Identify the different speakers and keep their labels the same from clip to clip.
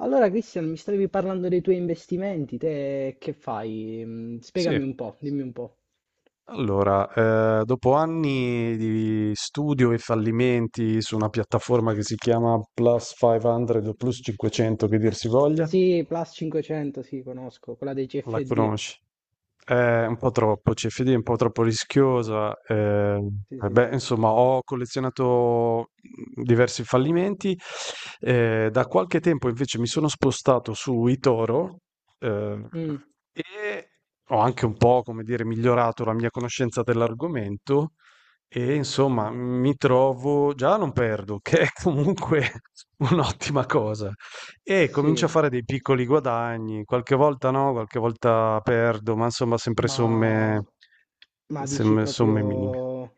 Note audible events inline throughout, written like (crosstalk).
Speaker 1: Allora, Cristian, mi stavi parlando dei tuoi investimenti, te che fai?
Speaker 2: Sì,
Speaker 1: Spiegami un po', dimmi un po'.
Speaker 2: allora, dopo anni di studio e fallimenti su una piattaforma che si chiama Plus 500 o Plus 500, che dir si voglia.
Speaker 1: Sì, Plus 500, sì, conosco, quella dei
Speaker 2: La
Speaker 1: CFD.
Speaker 2: conosci? È un po' troppo, CFD è un po' troppo rischiosa.
Speaker 1: Sì,
Speaker 2: Eh,
Speaker 1: sì.
Speaker 2: beh, insomma, ho collezionato diversi fallimenti. Da qualche tempo invece mi sono spostato su eToro. eh,
Speaker 1: Mm,
Speaker 2: e ho anche un po', come dire, migliorato la mia conoscenza dell'argomento. E insomma, mi trovo, già non perdo, (laughs) che è comunque (laughs) un'ottima cosa. E comincio a
Speaker 1: sì.
Speaker 2: fare dei piccoli guadagni, qualche volta no, qualche volta perdo, ma insomma sempre
Speaker 1: Ma,
Speaker 2: somme,
Speaker 1: ma dici
Speaker 2: somme minime.
Speaker 1: proprio,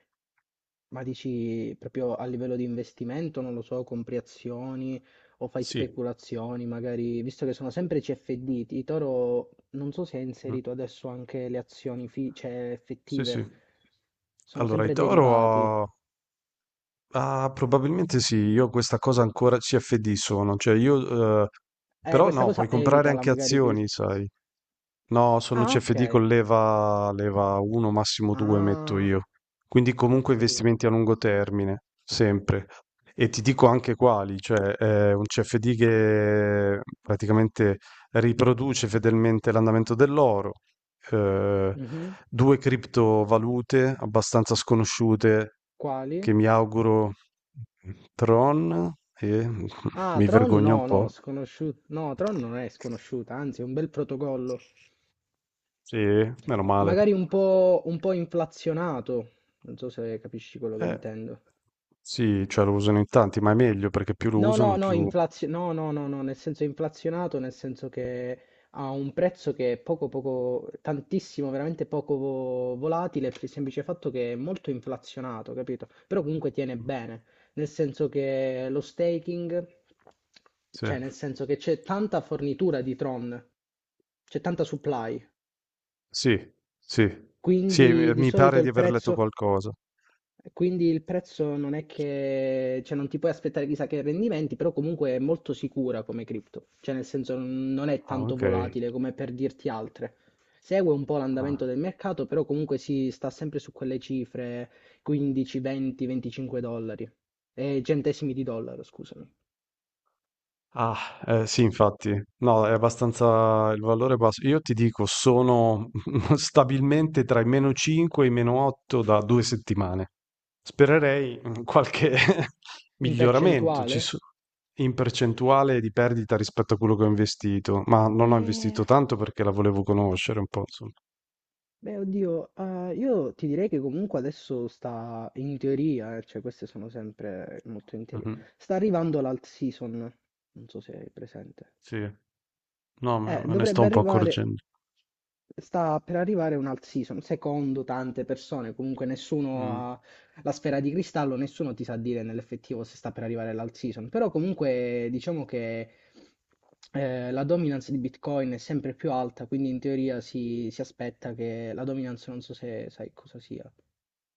Speaker 1: ma dici proprio a livello di investimento, non lo so, compri azioni o fai
Speaker 2: Sì.
Speaker 1: speculazioni, magari, visto che sono sempre CFD, Toro non so se ha
Speaker 2: Mm.
Speaker 1: inserito adesso anche le azioni
Speaker 2: Sì, sì.
Speaker 1: effettive, sono
Speaker 2: Allora, i
Speaker 1: sempre derivati.
Speaker 2: toro, ah, probabilmente sì, io questa cosa ancora CFD sono, cioè io, però
Speaker 1: Questa
Speaker 2: no, puoi
Speaker 1: cosa
Speaker 2: comprare
Speaker 1: evitala
Speaker 2: anche
Speaker 1: magari.
Speaker 2: azioni, sai. No, sono
Speaker 1: Ah, ok.
Speaker 2: CFD con leva, leva 1, massimo 2 metto
Speaker 1: Ah,
Speaker 2: io. Quindi
Speaker 1: ho
Speaker 2: comunque
Speaker 1: capito.
Speaker 2: investimenti a lungo termine, sempre. E ti dico anche quali, cioè è un CFD che praticamente riproduce fedelmente l'andamento dell'oro, eh,
Speaker 1: Mhm.
Speaker 2: due criptovalute abbastanza sconosciute che
Speaker 1: Quali?
Speaker 2: mi auguro, Tron, e (laughs)
Speaker 1: Ah,
Speaker 2: mi
Speaker 1: Tron
Speaker 2: vergogno un
Speaker 1: no, no,
Speaker 2: po'.
Speaker 1: sconosciuto. No, Tron non è sconosciuta, anzi è un bel protocollo.
Speaker 2: Sì? Meno male.
Speaker 1: Magari un po' inflazionato. Non so se capisci quello che
Speaker 2: Eh,
Speaker 1: intendo.
Speaker 2: sì, cioè lo usano in tanti, ma è meglio perché più lo
Speaker 1: No, no,
Speaker 2: usano
Speaker 1: no,
Speaker 2: più
Speaker 1: no, no, no, no, nel senso inflazionato, nel senso che ha un prezzo che è poco, poco, tantissimo, veramente poco volatile, per il semplice fatto che è molto inflazionato, capito? Però comunque tiene
Speaker 2: mh,
Speaker 1: bene, nel senso che lo staking,
Speaker 2: sì.
Speaker 1: cioè nel senso che c'è tanta fornitura di Tron, c'è tanta supply,
Speaker 2: Sì, sì. Sì, mi
Speaker 1: quindi di
Speaker 2: mi
Speaker 1: solito
Speaker 2: pare di
Speaker 1: il
Speaker 2: aver letto
Speaker 1: prezzo.
Speaker 2: qualcosa.
Speaker 1: Quindi il prezzo non è che, cioè non ti puoi aspettare chissà che rendimenti, però comunque è molto sicura come cripto, cioè nel senso non è
Speaker 2: Ah,
Speaker 1: tanto
Speaker 2: ok.
Speaker 1: volatile come per dirti altre. Segue un po' l'andamento
Speaker 2: Ah,
Speaker 1: del mercato, però comunque si sta sempre su quelle cifre 15, 20, 25 dollari, centesimi di dollaro, scusami.
Speaker 2: ah, sì, infatti. No, è abbastanza il valore è basso. Io ti dico, sono (laughs) stabilmente tra i meno 5 e i meno 8 da due settimane. Spererei in qualche (laughs)
Speaker 1: In
Speaker 2: miglioramento ci
Speaker 1: percentuale?
Speaker 2: so in percentuale di perdita rispetto a quello che ho investito, ma non ho
Speaker 1: Eh,
Speaker 2: investito tanto perché la volevo conoscere un po' insomma.
Speaker 1: Beh, oddio, io ti direi che comunque adesso sta in teoria, cioè queste sono sempre molto in teoria.
Speaker 2: Mh-mh.
Speaker 1: Sta arrivando l'alt season, non so se hai presente.
Speaker 2: Sì, no, me me ne sto
Speaker 1: Dovrebbe
Speaker 2: un po'
Speaker 1: arrivare,
Speaker 2: accorgendo.
Speaker 1: sta per arrivare un'alt season, secondo tante persone, comunque nessuno
Speaker 2: Mh,
Speaker 1: ha la sfera di cristallo, nessuno ti sa dire nell'effettivo se sta per arrivare l'alt season, però comunque diciamo che la dominance di Bitcoin è sempre più alta, quindi in teoria si, si aspetta che la dominance, non so se sai cosa sia.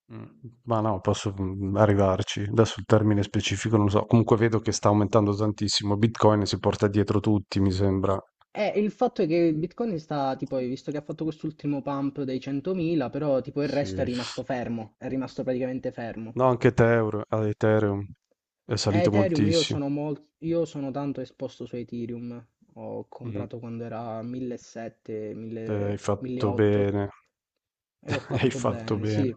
Speaker 2: mh. Ma no, posso, arrivarci. Adesso il termine specifico non lo so. Comunque vedo che sta aumentando tantissimo. Bitcoin si porta dietro tutti, mi sembra.
Speaker 1: Il fatto è che Bitcoin sta, tipo, hai visto che ha fatto quest'ultimo pump dei 100.000, però tipo il resto è
Speaker 2: Sì.
Speaker 1: rimasto fermo, è rimasto praticamente fermo.
Speaker 2: No, anche Etheur Ethereum è salito
Speaker 1: Ethereum, io
Speaker 2: moltissimo.
Speaker 1: sono, mol- io sono tanto esposto su Ethereum, ho
Speaker 2: Mh-mh.
Speaker 1: comprato quando era 1.700,
Speaker 2: Hai
Speaker 1: 1.000
Speaker 2: fatto
Speaker 1: 1.800
Speaker 2: bene,
Speaker 1: e ho
Speaker 2: (laughs) hai
Speaker 1: fatto
Speaker 2: fatto
Speaker 1: bene,
Speaker 2: bene.
Speaker 1: sì.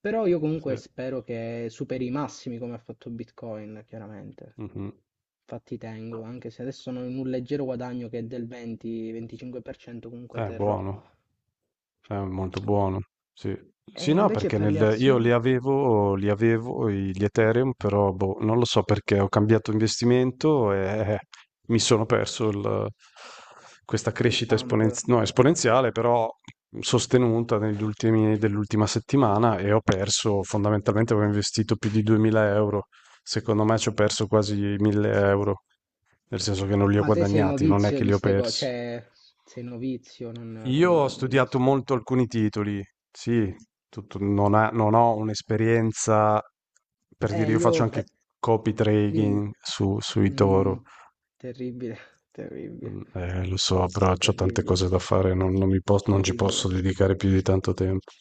Speaker 1: Però io comunque
Speaker 2: Sì.
Speaker 1: spero che superi i massimi come ha fatto Bitcoin, chiaramente.
Speaker 2: Mh-mh.
Speaker 1: Infatti tengo, anche se adesso sono in un leggero guadagno che è del 20-25%, comunque terrò.
Speaker 2: Buono. È molto buono, sì. Sì,
Speaker 1: E
Speaker 2: no,
Speaker 1: invece
Speaker 2: perché
Speaker 1: per le
Speaker 2: nel, io
Speaker 1: azioni,
Speaker 2: li avevo i- gli Ethereum, però boh, non lo so perché ho cambiato investimento e eh, mi sono perso questa
Speaker 1: il
Speaker 2: crescita
Speaker 1: pump.
Speaker 2: esponenziale, no, esponenziale, però sostenuta negli ultimi, dell'ultima settimana. E ho perso, fondamentalmente avevo investito più di 2000 euro, secondo me ci ho perso quasi 1000 euro, nel senso che non li ho
Speaker 1: Ma te sei
Speaker 2: guadagnati, non è
Speaker 1: novizio
Speaker 2: che
Speaker 1: di
Speaker 2: li ho
Speaker 1: ste cose,
Speaker 2: persi.
Speaker 1: cioè sei novizio, non...
Speaker 2: Io
Speaker 1: non-
Speaker 2: ho
Speaker 1: non- non
Speaker 2: studiato
Speaker 1: s-
Speaker 2: molto alcuni titoli, sì, non ho un'esperienza, per dire,
Speaker 1: Eh,
Speaker 2: io faccio
Speaker 1: io...
Speaker 2: anche
Speaker 1: pe-
Speaker 2: copy
Speaker 1: Dimmi,
Speaker 2: trading
Speaker 1: dimmi.
Speaker 2: sui
Speaker 1: Mm,
Speaker 2: Toro.
Speaker 1: Terribile, (laughs) terribile,
Speaker 2: Mm, lo so, però ho tante
Speaker 1: terribile,
Speaker 2: cose da fare, non ci posso
Speaker 1: terribile.
Speaker 2: dedicare più di tanto tempo.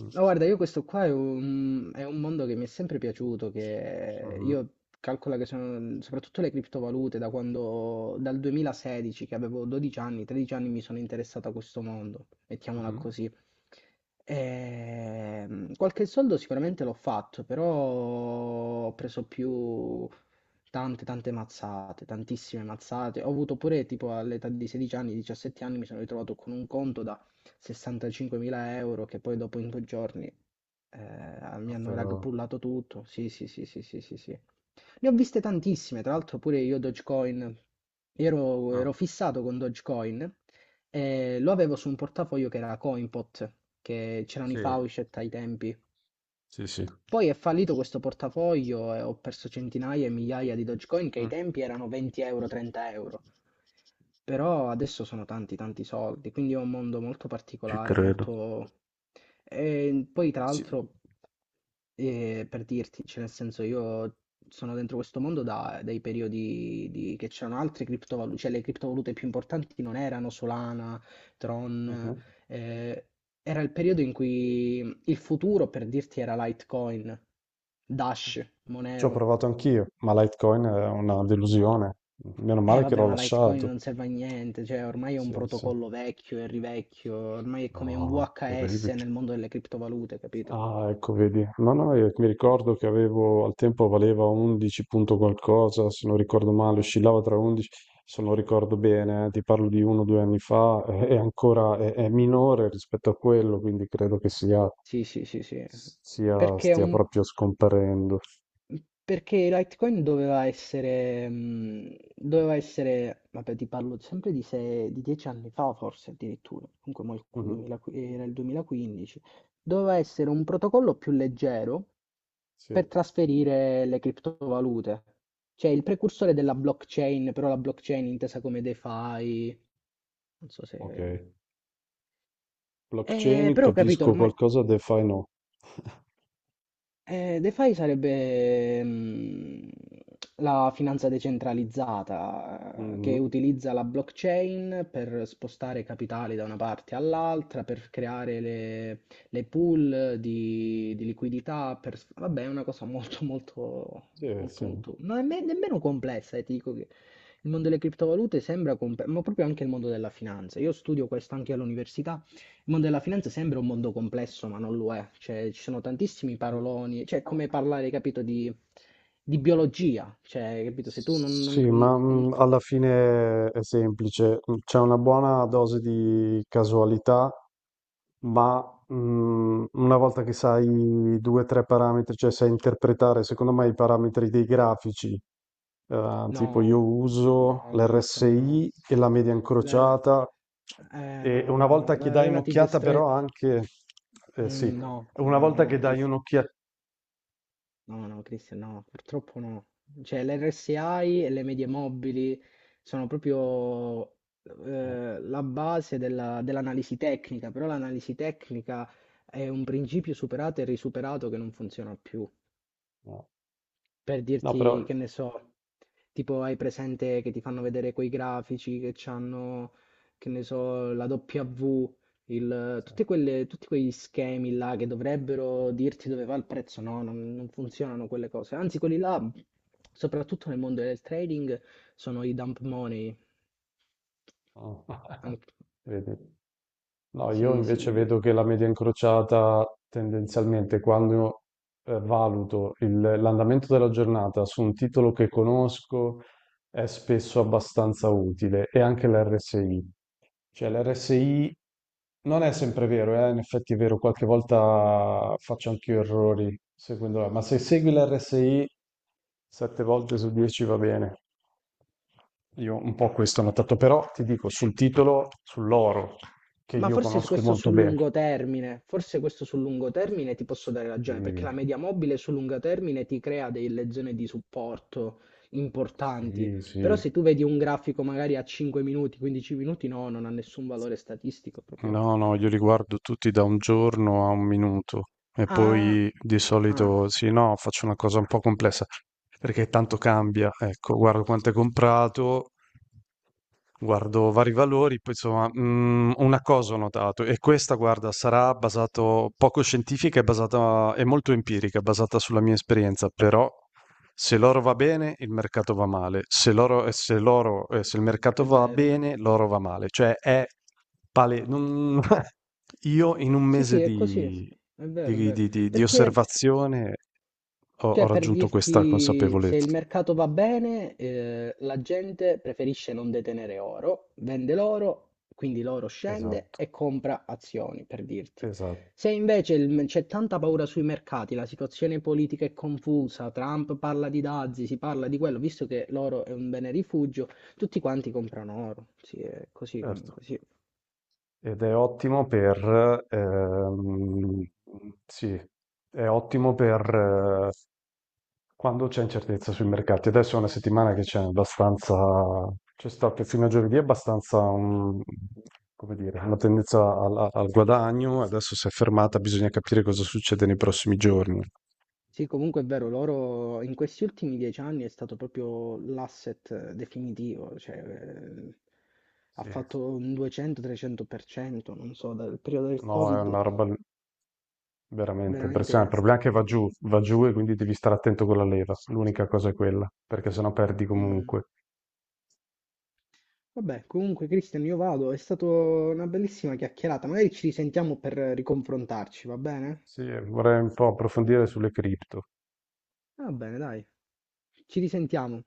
Speaker 2: Mm.
Speaker 1: No, guarda, io questo qua è un mondo che mi è sempre piaciuto, che
Speaker 2: Mhm,
Speaker 1: io calcolo che sono, soprattutto le criptovalute, da quando, dal 2016, che avevo 12 anni, 13 anni, mi sono interessato a questo mondo, mettiamola
Speaker 2: mhm.
Speaker 1: così. Qualche soldo sicuramente l'ho fatto, però ho preso più tante, tante mazzate, tantissime mazzate. Ho avuto pure tipo all'età di 16 anni, 17 anni, mi sono ritrovato con un conto da 65.000 euro che poi dopo in 2 giorni mi
Speaker 2: Ah,
Speaker 1: hanno
Speaker 2: però.
Speaker 1: ragbullato tutto. Sì, sì, sì, sì, sì, sì, sì. Ne ho viste tantissime, tra l'altro pure io Dogecoin. Io ero,
Speaker 2: Ah,
Speaker 1: ero fissato con Dogecoin e lo avevo su un portafoglio che era Coinpot, che c'erano i
Speaker 2: sì,
Speaker 1: Faucet ai tempi,
Speaker 2: sì, sì.
Speaker 1: poi è fallito questo portafoglio e ho perso centinaia e migliaia di Dogecoin che ai
Speaker 2: Mm.
Speaker 1: tempi erano 20 euro, 30 euro. Però adesso sono tanti, tanti soldi, quindi è un mondo molto
Speaker 2: Ci
Speaker 1: particolare,
Speaker 2: credo.
Speaker 1: molto. E poi tra
Speaker 2: Sì.
Speaker 1: l'altro, per dirti, cioè nel senso io sono dentro questo mondo da dai periodi di che c'erano altre criptovalute, cioè le criptovalute più importanti non erano Solana, Tron,
Speaker 2: Mhm.
Speaker 1: ehm, era il periodo in cui il futuro, per dirti, era Litecoin, Dash,
Speaker 2: Ci ho
Speaker 1: Monero.
Speaker 2: provato anch'io, ma Litecoin è una delusione. Meno
Speaker 1: Eh
Speaker 2: male che
Speaker 1: vabbè,
Speaker 2: l'ho
Speaker 1: ma Litecoin
Speaker 2: lasciato.
Speaker 1: non serve a niente, cioè ormai è un
Speaker 2: Sì, sì.
Speaker 1: protocollo vecchio e rivecchio, ormai è come un
Speaker 2: No,
Speaker 1: VHS
Speaker 2: terribile.
Speaker 1: nel mondo delle criptovalute, capito?
Speaker 2: Ah, ecco, vedi. No, no, io mi ricordo che avevo, al tempo valeva 11 punto qualcosa, se non ricordo male, oscillava tra 11, se non ricordo bene, ti parlo di uno o due anni fa, è ancora, è minore rispetto a quello, quindi credo che
Speaker 1: Sì, sì, sì, sì. Perché è
Speaker 2: stia
Speaker 1: un
Speaker 2: proprio scomparendo.
Speaker 1: Perché Litecoin doveva essere, vabbè, ti parlo sempre di, sei, di 10 anni fa, forse addirittura, comunque mo il
Speaker 2: Mhm.
Speaker 1: 2000 era il 2015, doveva essere un protocollo più leggero
Speaker 2: Sì.
Speaker 1: per
Speaker 2: Certo.
Speaker 1: trasferire le criptovalute, cioè il precursore della blockchain, però la blockchain intesa come DeFi, non so
Speaker 2: Ok.
Speaker 1: se.
Speaker 2: Blockchain,
Speaker 1: Però ho capito,
Speaker 2: capisco
Speaker 1: ormai
Speaker 2: qualcosa, DeFi no.
Speaker 1: DeFi sarebbe la finanza decentralizzata che
Speaker 2: Mhm.
Speaker 1: utilizza la blockchain per spostare capitali da una parte all'altra, per creare le pool di liquidità, vabbè, è una cosa molto, molto,
Speaker 2: Sì,
Speaker 1: molto,
Speaker 2: sì.
Speaker 1: molto, non è nemmeno complessa, ti dico che il mondo delle criptovalute sembra complesso, ma proprio anche il mondo della finanza. Io studio questo anche all'università. Il mondo della finanza sembra un mondo complesso, ma non lo è. Cioè, ci sono tantissimi paroloni, cioè è come parlare, capito, di biologia. Cioè, capito, se tu
Speaker 2: Sì, ma
Speaker 1: non-
Speaker 2: alla fine è semplice, c'è una buona dose di casualità. Ma una volta che sai due o tre parametri, cioè sai interpretare, secondo me, i parametri dei grafici, tipo
Speaker 1: no,
Speaker 2: io uso
Speaker 1: no, Cristiano, no.
Speaker 2: l'RSI e la media
Speaker 1: Le-
Speaker 2: incrociata, e
Speaker 1: no,
Speaker 2: una
Speaker 1: no, no.
Speaker 2: volta che
Speaker 1: La
Speaker 2: dai
Speaker 1: relative
Speaker 2: un'occhiata
Speaker 1: stress.
Speaker 2: però anche, sì,
Speaker 1: No,
Speaker 2: una
Speaker 1: no, no,
Speaker 2: volta
Speaker 1: no,
Speaker 2: che dai
Speaker 1: Cristiano.
Speaker 2: un'occhiata,
Speaker 1: No, no, Cristian, no, purtroppo no. Cioè, l'RSI e le medie mobili sono proprio,
Speaker 2: no,
Speaker 1: la base dell'analisi tecnica, però l'analisi tecnica è un principio superato e risuperato che non funziona più.
Speaker 2: no,
Speaker 1: Per
Speaker 2: no, però
Speaker 1: dirti, che ne so, tipo hai presente che ti fanno vedere quei grafici che hanno, che ne so, la W,
Speaker 2: sì.
Speaker 1: tutti quegli schemi là che dovrebbero dirti dove va il prezzo, no, non funzionano quelle cose. Anzi, quelli là, soprattutto nel mondo del trading, sono i dump money.
Speaker 2: Ah, (laughs)
Speaker 1: Anche-
Speaker 2: vedi. No, io
Speaker 1: sì, sì.
Speaker 2: invece vedo che la media incrociata tendenzialmente quando valuto l'andamento della giornata su un titolo che conosco è spesso abbastanza utile e anche l'RSI. Cioè l'RSI non è sempre vero, in effetti è vero, qualche volta faccio anche io errori seguendo, ma se segui l'RSI sette volte su 10 va bene. Io un po' questo ho notato, però ti dico sul titolo, sull'oro, che
Speaker 1: Ma
Speaker 2: io
Speaker 1: forse su
Speaker 2: conosco
Speaker 1: questo
Speaker 2: molto
Speaker 1: sul
Speaker 2: bene.
Speaker 1: lungo termine, forse questo sul lungo termine ti posso dare ragione, perché la
Speaker 2: Sì,
Speaker 1: media mobile sul lungo termine ti crea delle zone di supporto importanti,
Speaker 2: sì, sì.
Speaker 1: però se tu vedi un grafico magari a 5 minuti, 15 minuti, no, non ha nessun valore statistico proprio.
Speaker 2: No, no, io li guardo tutti da un giorno a un minuto e
Speaker 1: Ah,
Speaker 2: poi di
Speaker 1: ah,
Speaker 2: solito sì, no, faccio una cosa un po' complessa perché tanto cambia. Ecco, guardo quanto è comprato, guardo vari valori, poi insomma, una cosa ho notato, e questa, guarda, sarà basato poco scientifica, è basata, è molto empirica, è basata sulla mia esperienza, però se l'oro va bene, il mercato va male, se il
Speaker 1: è
Speaker 2: mercato
Speaker 1: sì,
Speaker 2: va
Speaker 1: vero.
Speaker 2: bene, l'oro va male, cioè è pale... non- (laughs) Io in un
Speaker 1: Sì,
Speaker 2: mese
Speaker 1: sì, è così, è vero, è vero.
Speaker 2: di
Speaker 1: Perché
Speaker 2: osservazione ho
Speaker 1: Cioè, per
Speaker 2: raggiunto questa
Speaker 1: dirti, se
Speaker 2: consapevolezza.
Speaker 1: il mercato va bene, la gente preferisce non detenere oro, vende l'oro, quindi l'oro scende
Speaker 2: Esatto,
Speaker 1: e compra azioni, per dirti.
Speaker 2: esatto.
Speaker 1: Se invece c'è tanta paura sui mercati, la situazione politica è confusa, Trump parla di dazi, si parla di quello, visto che l'oro è un bene rifugio, tutti quanti comprano oro. Sì, è così
Speaker 2: Certo.
Speaker 1: comunque, sì.
Speaker 2: Ed è ottimo per, sì, è ottimo per quando c'è incertezza sui mercati. Adesso è una settimana che c'è abbastanza, c'è stato fino a giovedì abbastanza come dire, una tendenza al, al guadagno, adesso si è fermata, bisogna capire cosa succede nei prossimi giorni.
Speaker 1: Sì, comunque è vero, loro in questi ultimi 10 anni è stato proprio l'asset definitivo, cioè ha
Speaker 2: Sì.
Speaker 1: fatto un 200-300%, non so, dal periodo del
Speaker 2: No, è
Speaker 1: Covid,
Speaker 2: una roba veramente impressionante.
Speaker 1: veramente...
Speaker 2: Il problema è che va giù e quindi devi stare attento con la leva, l'unica cosa è quella, perché sennò perdi
Speaker 1: mm.
Speaker 2: comunque.
Speaker 1: Vabbè, comunque Cristian, io vado, è stata una bellissima chiacchierata, magari ci risentiamo per riconfrontarci, va bene?
Speaker 2: Sì, vorrei un po' approfondire sulle cripto.
Speaker 1: Va bene, dai, ci risentiamo.